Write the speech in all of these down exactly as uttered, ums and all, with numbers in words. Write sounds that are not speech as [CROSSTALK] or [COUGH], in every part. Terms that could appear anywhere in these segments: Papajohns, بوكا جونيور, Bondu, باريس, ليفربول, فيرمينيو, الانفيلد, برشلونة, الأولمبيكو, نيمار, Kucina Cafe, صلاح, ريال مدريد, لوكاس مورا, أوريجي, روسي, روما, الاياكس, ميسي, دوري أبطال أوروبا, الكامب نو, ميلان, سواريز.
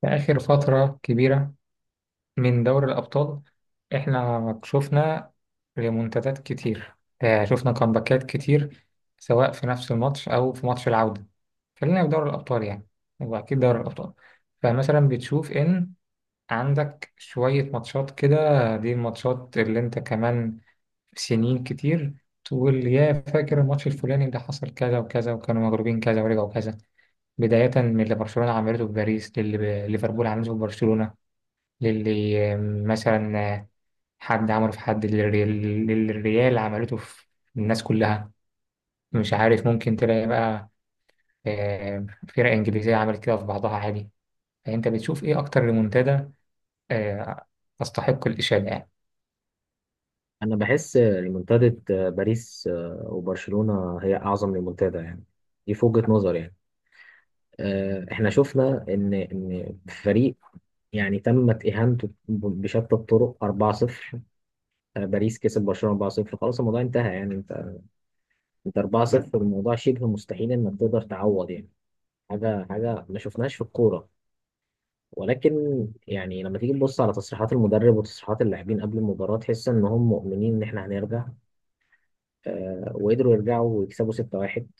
في آخر فترة كبيرة من دوري الأبطال، إحنا شفنا ريمونتادات كتير. آه، شفنا كامباكات كتير سواء في نفس الماتش أو في ماتش العودة. خلينا في دوري الأبطال يعني، هو أكيد دوري الأبطال. فمثلا بتشوف إن عندك شوية ماتشات كده، دي الماتشات اللي أنت كمان سنين كتير تقول يا فاكر الماتش الفلاني ده حصل كذا وكذا وكانوا مغلوبين كذا ورجعوا كذا. بداية من اللي برشلونة عملته في باريس، للي ب- ليفربول عملته في برشلونة، للي مثلا حد عمله في حد، للري- للي الريال عملته في الناس كلها. مش عارف ممكن تلاقي بقى، آه، فرق إنجليزية عملت كده في بعضها عادي. فأنت بتشوف إيه أكتر ريمونتادا آه، تستحق الإشادة يعني؟ انا بحس ريمونتادة باريس آه، وبرشلونة هي اعظم ريمونتادا يعني. دي في وجهة نظر يعني. آه، احنا شفنا ان ان فريق يعني تمت اهانته بشتى الطرق اربعه صفر. آه، باريس كسب برشلونة اربعه صفر، خلاص الموضوع انتهى يعني انت انت اربعه صفر، الموضوع شبه مستحيل انك تقدر تعوض يعني. حاجة حاجة ما شفناهاش في الكورة، ولكن يعني لما تيجي تبص على تصريحات المدرب وتصريحات اللاعبين قبل المباراة تحس ان هم مؤمنين ان احنا هنرجع. آه، وقدروا يرجعوا ويكسبوا سته واحد.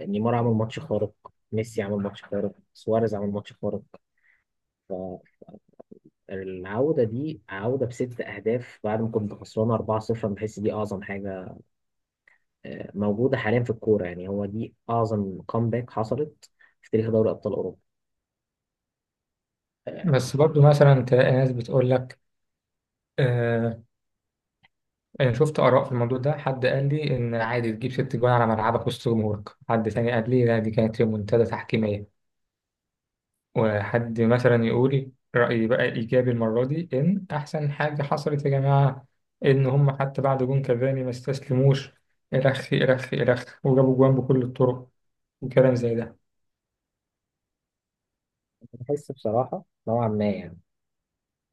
نيمار عمل ماتش خارق، ميسي عمل ماتش خارق، سواريز عمل ماتش خارق. فالعودة دي عودة بست أهداف بعد ما كنت خسرانة اربعه صفر. أنا بحس دي أعظم حاجة آه، موجودة حاليا في الكورة يعني. هو دي أعظم كومباك حصلت في تاريخ دوري أبطال أوروبا. آه، بس برضو مثلا تلاقي ناس بتقول لك، آه، أنا شفت آراء في الموضوع ده. حد قال لي إن عادي تجيب ست جوان على ملعبك وسط جمهورك، حد تاني قال لي لا دي كانت ريمونتادا تحكيمية، وحد مثلا يقول رأيي بقى إيجابي المرة دي إن أحسن حاجة حصلت يا جماعة إن هم حتى بعد جون كافاني ما استسلموش، إلخ إلخ إلخ، وجابوا جوان بكل الطرق، وكلام زي ده. بحس بصراحة نوعا ما يعني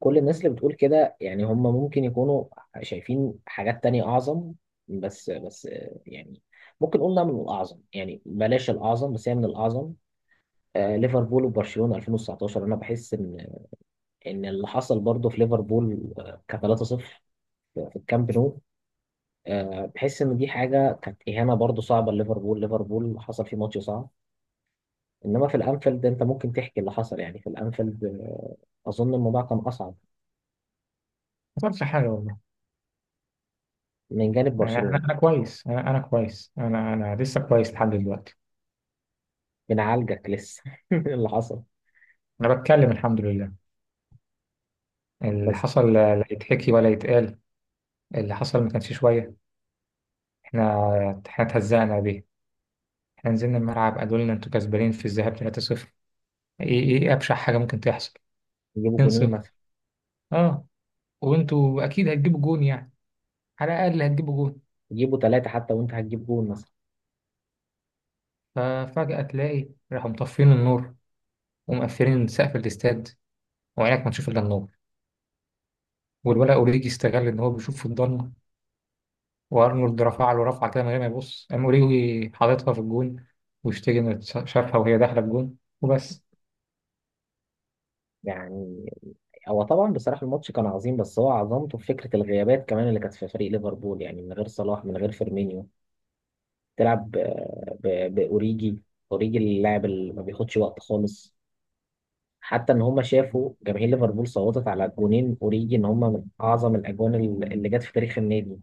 كل الناس اللي بتقول كده يعني هم ممكن يكونوا شايفين حاجات تانية أعظم. بس بس آه، يعني ممكن نقول إنها من الأعظم يعني، بلاش الأعظم بس هي من الأعظم. آه، ليفربول وبرشلونة الفين وتسعه عشر انا بحس ان ان اللي حصل برضه في ليفربول آه، ك ثلاثه صفر في الكامب نو. آه، بحس ان دي حاجه كانت اهانه برضه صعبه لليفربول. ليفربول حصل فيه ماتش صعب، انما في الانفيلد انت ممكن تحكي اللي حصل يعني. في الانفيلد آه، اظن الموضوع كان اصعب ما حصلش حاجة والله. من جانب أنا أنا برشلونة. أنا كويس، أنا أنا كويس، أنا أنا لسه كويس لحد دلوقتي. بنعالجك لسه [LAUGHS] اللي حصل. أنا بتكلم الحمد لله. اللي بس حصل لا لا يتحكي ولا يتقال. اللي حصل ما كانش شوية. إحنا إحنا اتهزقنا بيه. إحنا نزلنا الملعب قالوا لنا أنتوا كسبانين في الذهاب تلاتة صفر. إيه إيه أبشع حاجة ممكن تحصل، يجيبوا 2 جونين 0 مثلا، اه، وانتوا اكيد هتجيبوا جون يعني، على الاقل هتجيبوا جون. يجيبوا ثلاثه حتى وانت هتجيب جون مثلا ففجأة تلاقي راحوا مطفين النور، ومقفلين سقف الاستاد، وعينك ما تشوف الا النور. والولا اوريجي استغل ان هو بيشوف في الضلمه، وارنولد رفع له رفعه كده من غير ما يبص، قام اوريجي حاططها في الجون، واشتكى ان شافها وهي داخله الجون وبس. يعني. هو طبعا بصراحة الماتش كان عظيم، بس هو عظمته في فكرة الغيابات كمان اللي كانت في فريق ليفربول، يعني من غير صلاح من غير فيرمينيو تلعب ب- ب- بأوريجي. أوريجي اللاعب اللي ما بياخدش وقت خالص، حتى إن هما شافوا جماهير ليفربول صوتت على جونين أوريجي إن هما من أعظم الأجوان ال- اللي جت في تاريخ النادي.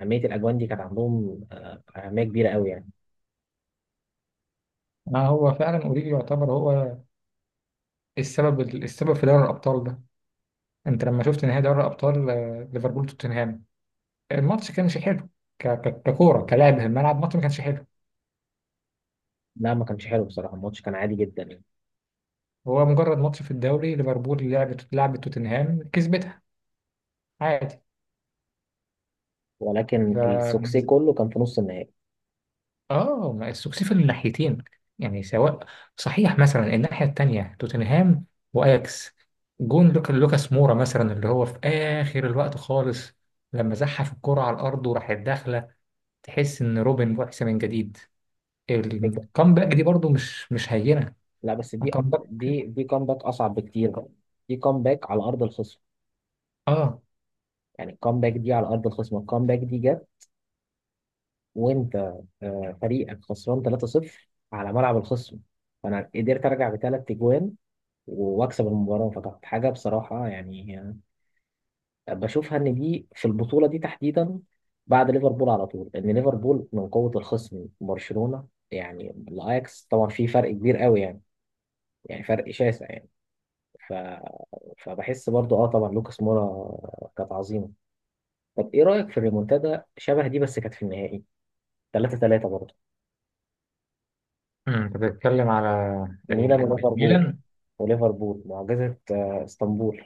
أهمية الأجوان دي كانت عندهم آه، أهمية كبيرة قوي يعني. آه هو فعلا اوريجي يعتبر هو السبب السبب في دوري الابطال ده. انت لما شفت نهائي دوري الابطال، آه، ليفربول توتنهام، الماتش كانش حلو. ك- ك- ككوره كلعب في الملعب، الماتش ما كانش حلو. لا ما كانش حلو بصراحة، الماتش كان عادي جدا يعني. هو مجرد ماتش في الدوري، ليفربول لعبت لعبت توتنهام كسبتها عادي. ولكن السوكسي ف كله كان في نص النهائي. اه ما السكسيس من الناحيتين، يعني سواء، صحيح مثلا الناحية التانية توتنهام واياكس، جون لوكا لوكاس مورا مثلا اللي هو في اخر الوقت خالص لما زحف الكرة على الارض وراحت داخلة، تحس ان روبن بعث من جديد. الكامباك دي برضو مش مش هينة، لا بس دي الكامباك. دي دي كومباك اصعب بكتير بقى. دي كومباك على ارض الخصم. اه، يعني الكومباك دي على ارض الخصم. الكومباك دي جت، وانت آه، فريقك خسران ثلاثه صفر على ملعب الخصم، فانا قدرت ارجع بثلاث اجوان واكسب المباراه. فكانت حاجه بصراحه يعني آه، بشوفها ان دي في البطوله دي تحديدا بعد ليفربول على طول، لان ليفربول من قوه الخصم برشلونه يعني. الاياكس طبعا في فرق كبير قوي يعني، يعني فرق شاسع يعني. ف... فبحس برضو اه طبعا لوكاس مورا كانت عظيمه. طب ايه رايك في الريمونتادا شبه دي؟ بس كانت في النهائي ثلاثه ثلاثه برضو، أمم، انت بتتكلم على ميلان ال- وليفربول. الميلان. وليفربول معجزه آه، اسطنبول.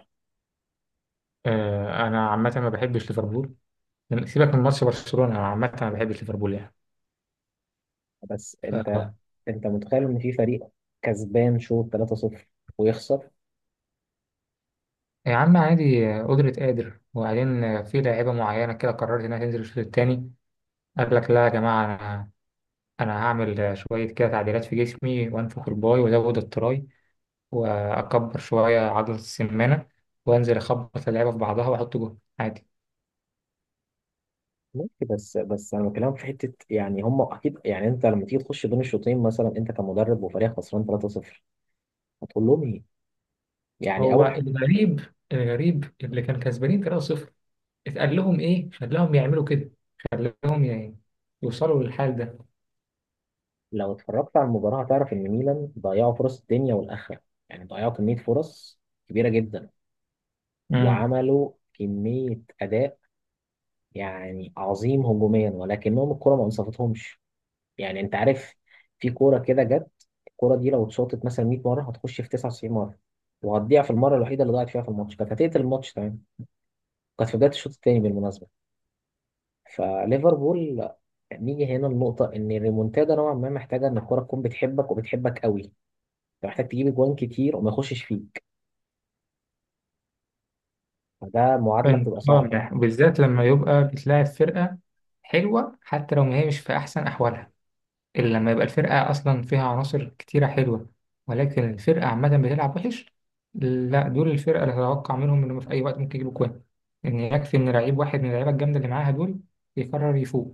آه انا عامة ما بحبش ليفربول. لما- سيبك من ماتش برشلونة، أنا عامة أنا ما بحبش ليفربول يعني. بس ف انت انت متخيل ان في فريق كسبان شوط ثلاثه صفر ويخسر؟ يا عم عادي، قدرة قادر، وبعدين في لاعيبة معينة كده قررت إنها تنزل الشوط التاني، قال لك لا يا جماعة أنا، أنا هعمل شوية كده تعديلات في جسمي وأنفخ الباي وأزود التراي وأكبر شوية عضلة السمانة وأنزل أخبط اللعيبة في بعضها وأحط جول عادي. ماشي، بس بس انا بكلمك في حته يعني. هم اكيد يعني انت لما تيجي تخش بين الشوطين مثلا انت كمدرب وفريق خسران ثلاثه صفر، هتقول لهم ايه؟ يعني هو اول. الغريب الغريب اللي كان كسبانين تلاتة صفر، اتقال لهم إيه خلاهم يعملوا كده؟ خلاهم ي- يوصلوا للحال ده؟ لو اتفرجت على المباراة هتعرف إن ميلان ضيعوا فرص الدنيا والآخرة، يعني ضيعوا كمية فرص كبيرة جدا، مم. وعملوا كمية أداء يعني عظيم هجوميا، ولكنهم الكرة ما انصفتهمش. يعني أنت عارف، في كورة كده جت الكورة دي لو اتشاطت مثلا ميه مرة هتخش في تسعه وتسعين مرة، وهتضيع في المرة الوحيدة اللي ضاعت فيها في الماتش كانت هتقتل الماتش تمام. كانت في بداية الشوط الثاني بالمناسبة. فليفربول، نيجي هنا النقطة إن الريمونتادا نوعا ما محتاجة إن الكورة تكون بتحبك وبتحبك قوي. انت محتاج تجيب اجوان كتير وما يخشش فيك، فده معادله فاهم بتبقى اه، صعبه. ده بالذات لما يبقى بتلاعب فرقة حلوة، حتى لو ما هي مش في أحسن أحوالها. إلا لما يبقى الفرقة أصلا فيها عناصر كتيرة حلوة ولكن الفرقة عامة بتلعب وحش، لا دول الفرقة اللي هتوقع منهم إنهم في أي وقت ممكن يجيبوا جوان. إن يكفي إن لعيب واحد من اللعيبة الجامدة اللي معاها دول يقرر يفوق.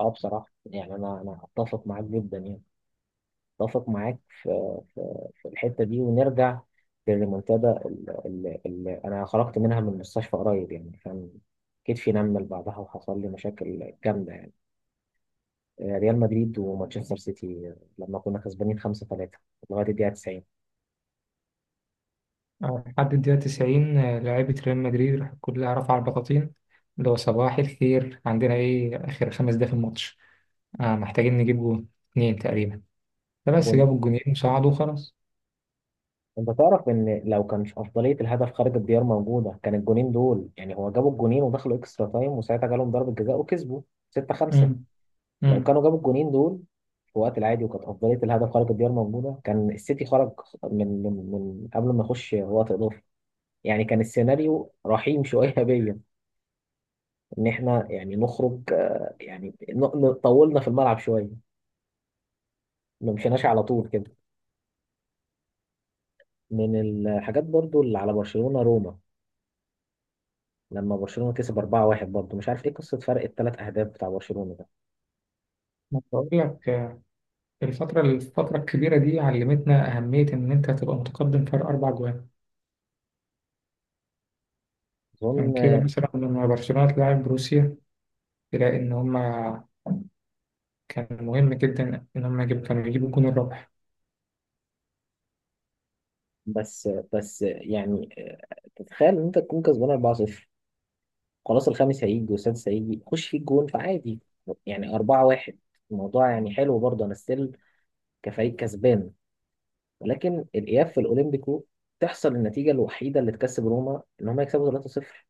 اه بصراحه يعني انا انا اتفق معاك جدا يعني. اتفق معاك في في, في الحته دي، ونرجع للريمونتادا اللي, اللي انا خرجت منها من المستشفى قريب يعني. كان كتفي نمل بعدها وحصل لي مشاكل جامده يعني. آه، ريال مدريد ومانشستر سيتي آه، لما كنا كسبانين خمسه ثلاثه لغايه الدقيقه تسعين. آه، لحد الدقيقة تسعين، آه، لعيبة ريال مدريد راح كلها رفع البطاطين، اللي هو صباح الخير عندنا إيه، آخر خمس دقايق في الماتش. آه، محتاجين نجيب جون اتنين تقريبا، فبس جابوا الجونين وصعدوا وخلاص. انت تعرف ان لو كانش افضليه الهدف خارج الديار موجوده كان الجونين دول يعني، هو جابوا الجونين ودخلوا اكسترا تايم وساعتها جالهم ضربه جزاء وكسبوا سته خمسه. امم لو امم كانوا جابوا الجونين دول في وقت العادي وكانت افضليه الهدف خارج الديار موجوده كان السيتي خرج من من من قبل ما يخش وقت اضافي. يعني كان السيناريو رحيم شويه [LAUGHS] بيا، ان احنا يعني نخرج آه، يعني ن- ن- طولنا في الملعب شويه، ما مشيناش على طول كده. من الحاجات برضو اللي على برشلونه روما لما برشلونة كسب اربعه واحد. برضه مش عارف ايه قصة فرق الثلاث اهداف بتاع برشلونة ده، بقول لك، آه، الفترة الفترة الكبيرة دي علمتنا أهمية إن أنت تبقى متقدم فرق أربع جوان. عشان اظن. كده مثلا لما برشلونة تلاعب بروسيا، تلاقي إن هما كان مهم جدا إن هما يجيبوا كانوا يجيبوا الجون الرابح. بس بس يعني تتخيل ان انت تكون كسبان اربعه صفر، خلاص الخامس هيجي والسادس هيجي، خش فيه الجون فعادي، يعني اربعه واحد الموضوع يعني حلو برضه انا ستيل كفريق كسبان. ولكن الاياب في الاولمبيكو تحصل النتيجة الوحيدة اللي تكسب روما ان هم يكسبوا ثلاثه صفر.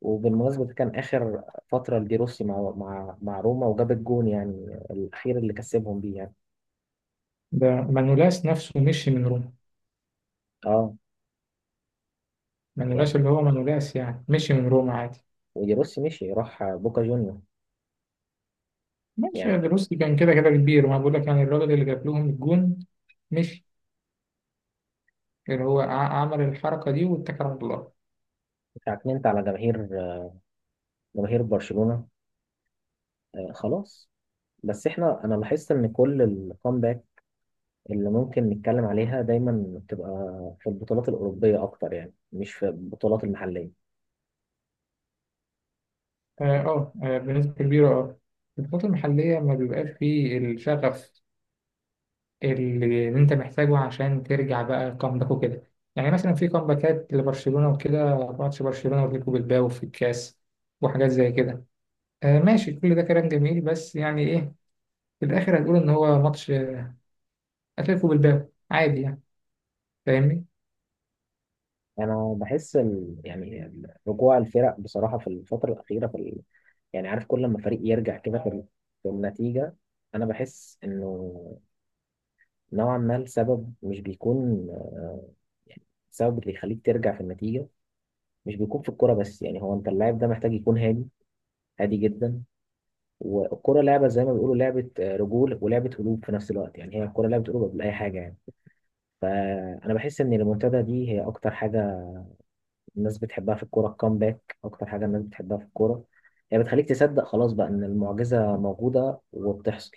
وبالمناسبة ده كان آخر فترة لدي روسي مع مع مع روما، وجاب الجون يعني الأخير اللي كسبهم بيه يعني. ده مانولاس نفسه مشي من روما. اه مانولاس يعني اللي هو مانولاس يعني مشي من روما عادي. جيروسي مشي راح بوكا جونيور ماشي يا يعني. دروسي كان كده كده كبير، وأنا بقول لك يعني الراجل اللي جاب لهم الجون مشي، اللي هو ع- عمل الحركة دي واتكل على الله. اتعكننت على جماهير، جماهير برشلونة آه، خلاص. بس احنا، انا لاحظت ان كل الكومباك اللي ممكن نتكلم عليها دايما بتبقى في البطولات الأوروبية اكتر يعني مش في البطولات المحلية. اه، آه، آه، بنسبة كبيرة اه. البطولات المحلية ما بيبقاش فيه الشغف اللي اللي انت محتاجه عشان ترجع بقى كامباك وكده. يعني مثلا في كامباكات لبرشلونة وكده، ماتش برشلونة واتلتيكو بالباو في الكاس، وحاجات زي كده. آه ماشي، كل ده كلام جميل بس يعني ايه، في الآخر هتقول إن هو ماتش أتلتيكو بالباو عادي يعني. فاهمني؟ انا بحس ال... يعني ال- رجوع الفرق بصراحة في الفترة الأخيرة في ال... يعني عارف كل لما فريق يرجع كده في, ال... في النتيجة، انا بحس انه نوعا ما السبب مش بيكون آه، يعني السبب اللي يخليك ترجع في النتيجة مش بيكون في الكوره بس. يعني هو انت، اللاعب ده محتاج يكون هادي، هادي جدا. والكوره لعبه زي ما بيقولوا لعبه آه، رجول ولعبه قلوب في نفس الوقت يعني. هي الكوره لعبه قلوب قبل اي حاجه يعني. فانا بحس ان المنتدى دي هي اكتر حاجه الناس بتحبها في الكوره. الكامباك اكتر حاجه الناس بتحبها في الكوره. هي بتخليك تصدق خلاص بقى ان المعجزه موجوده وبتحصل.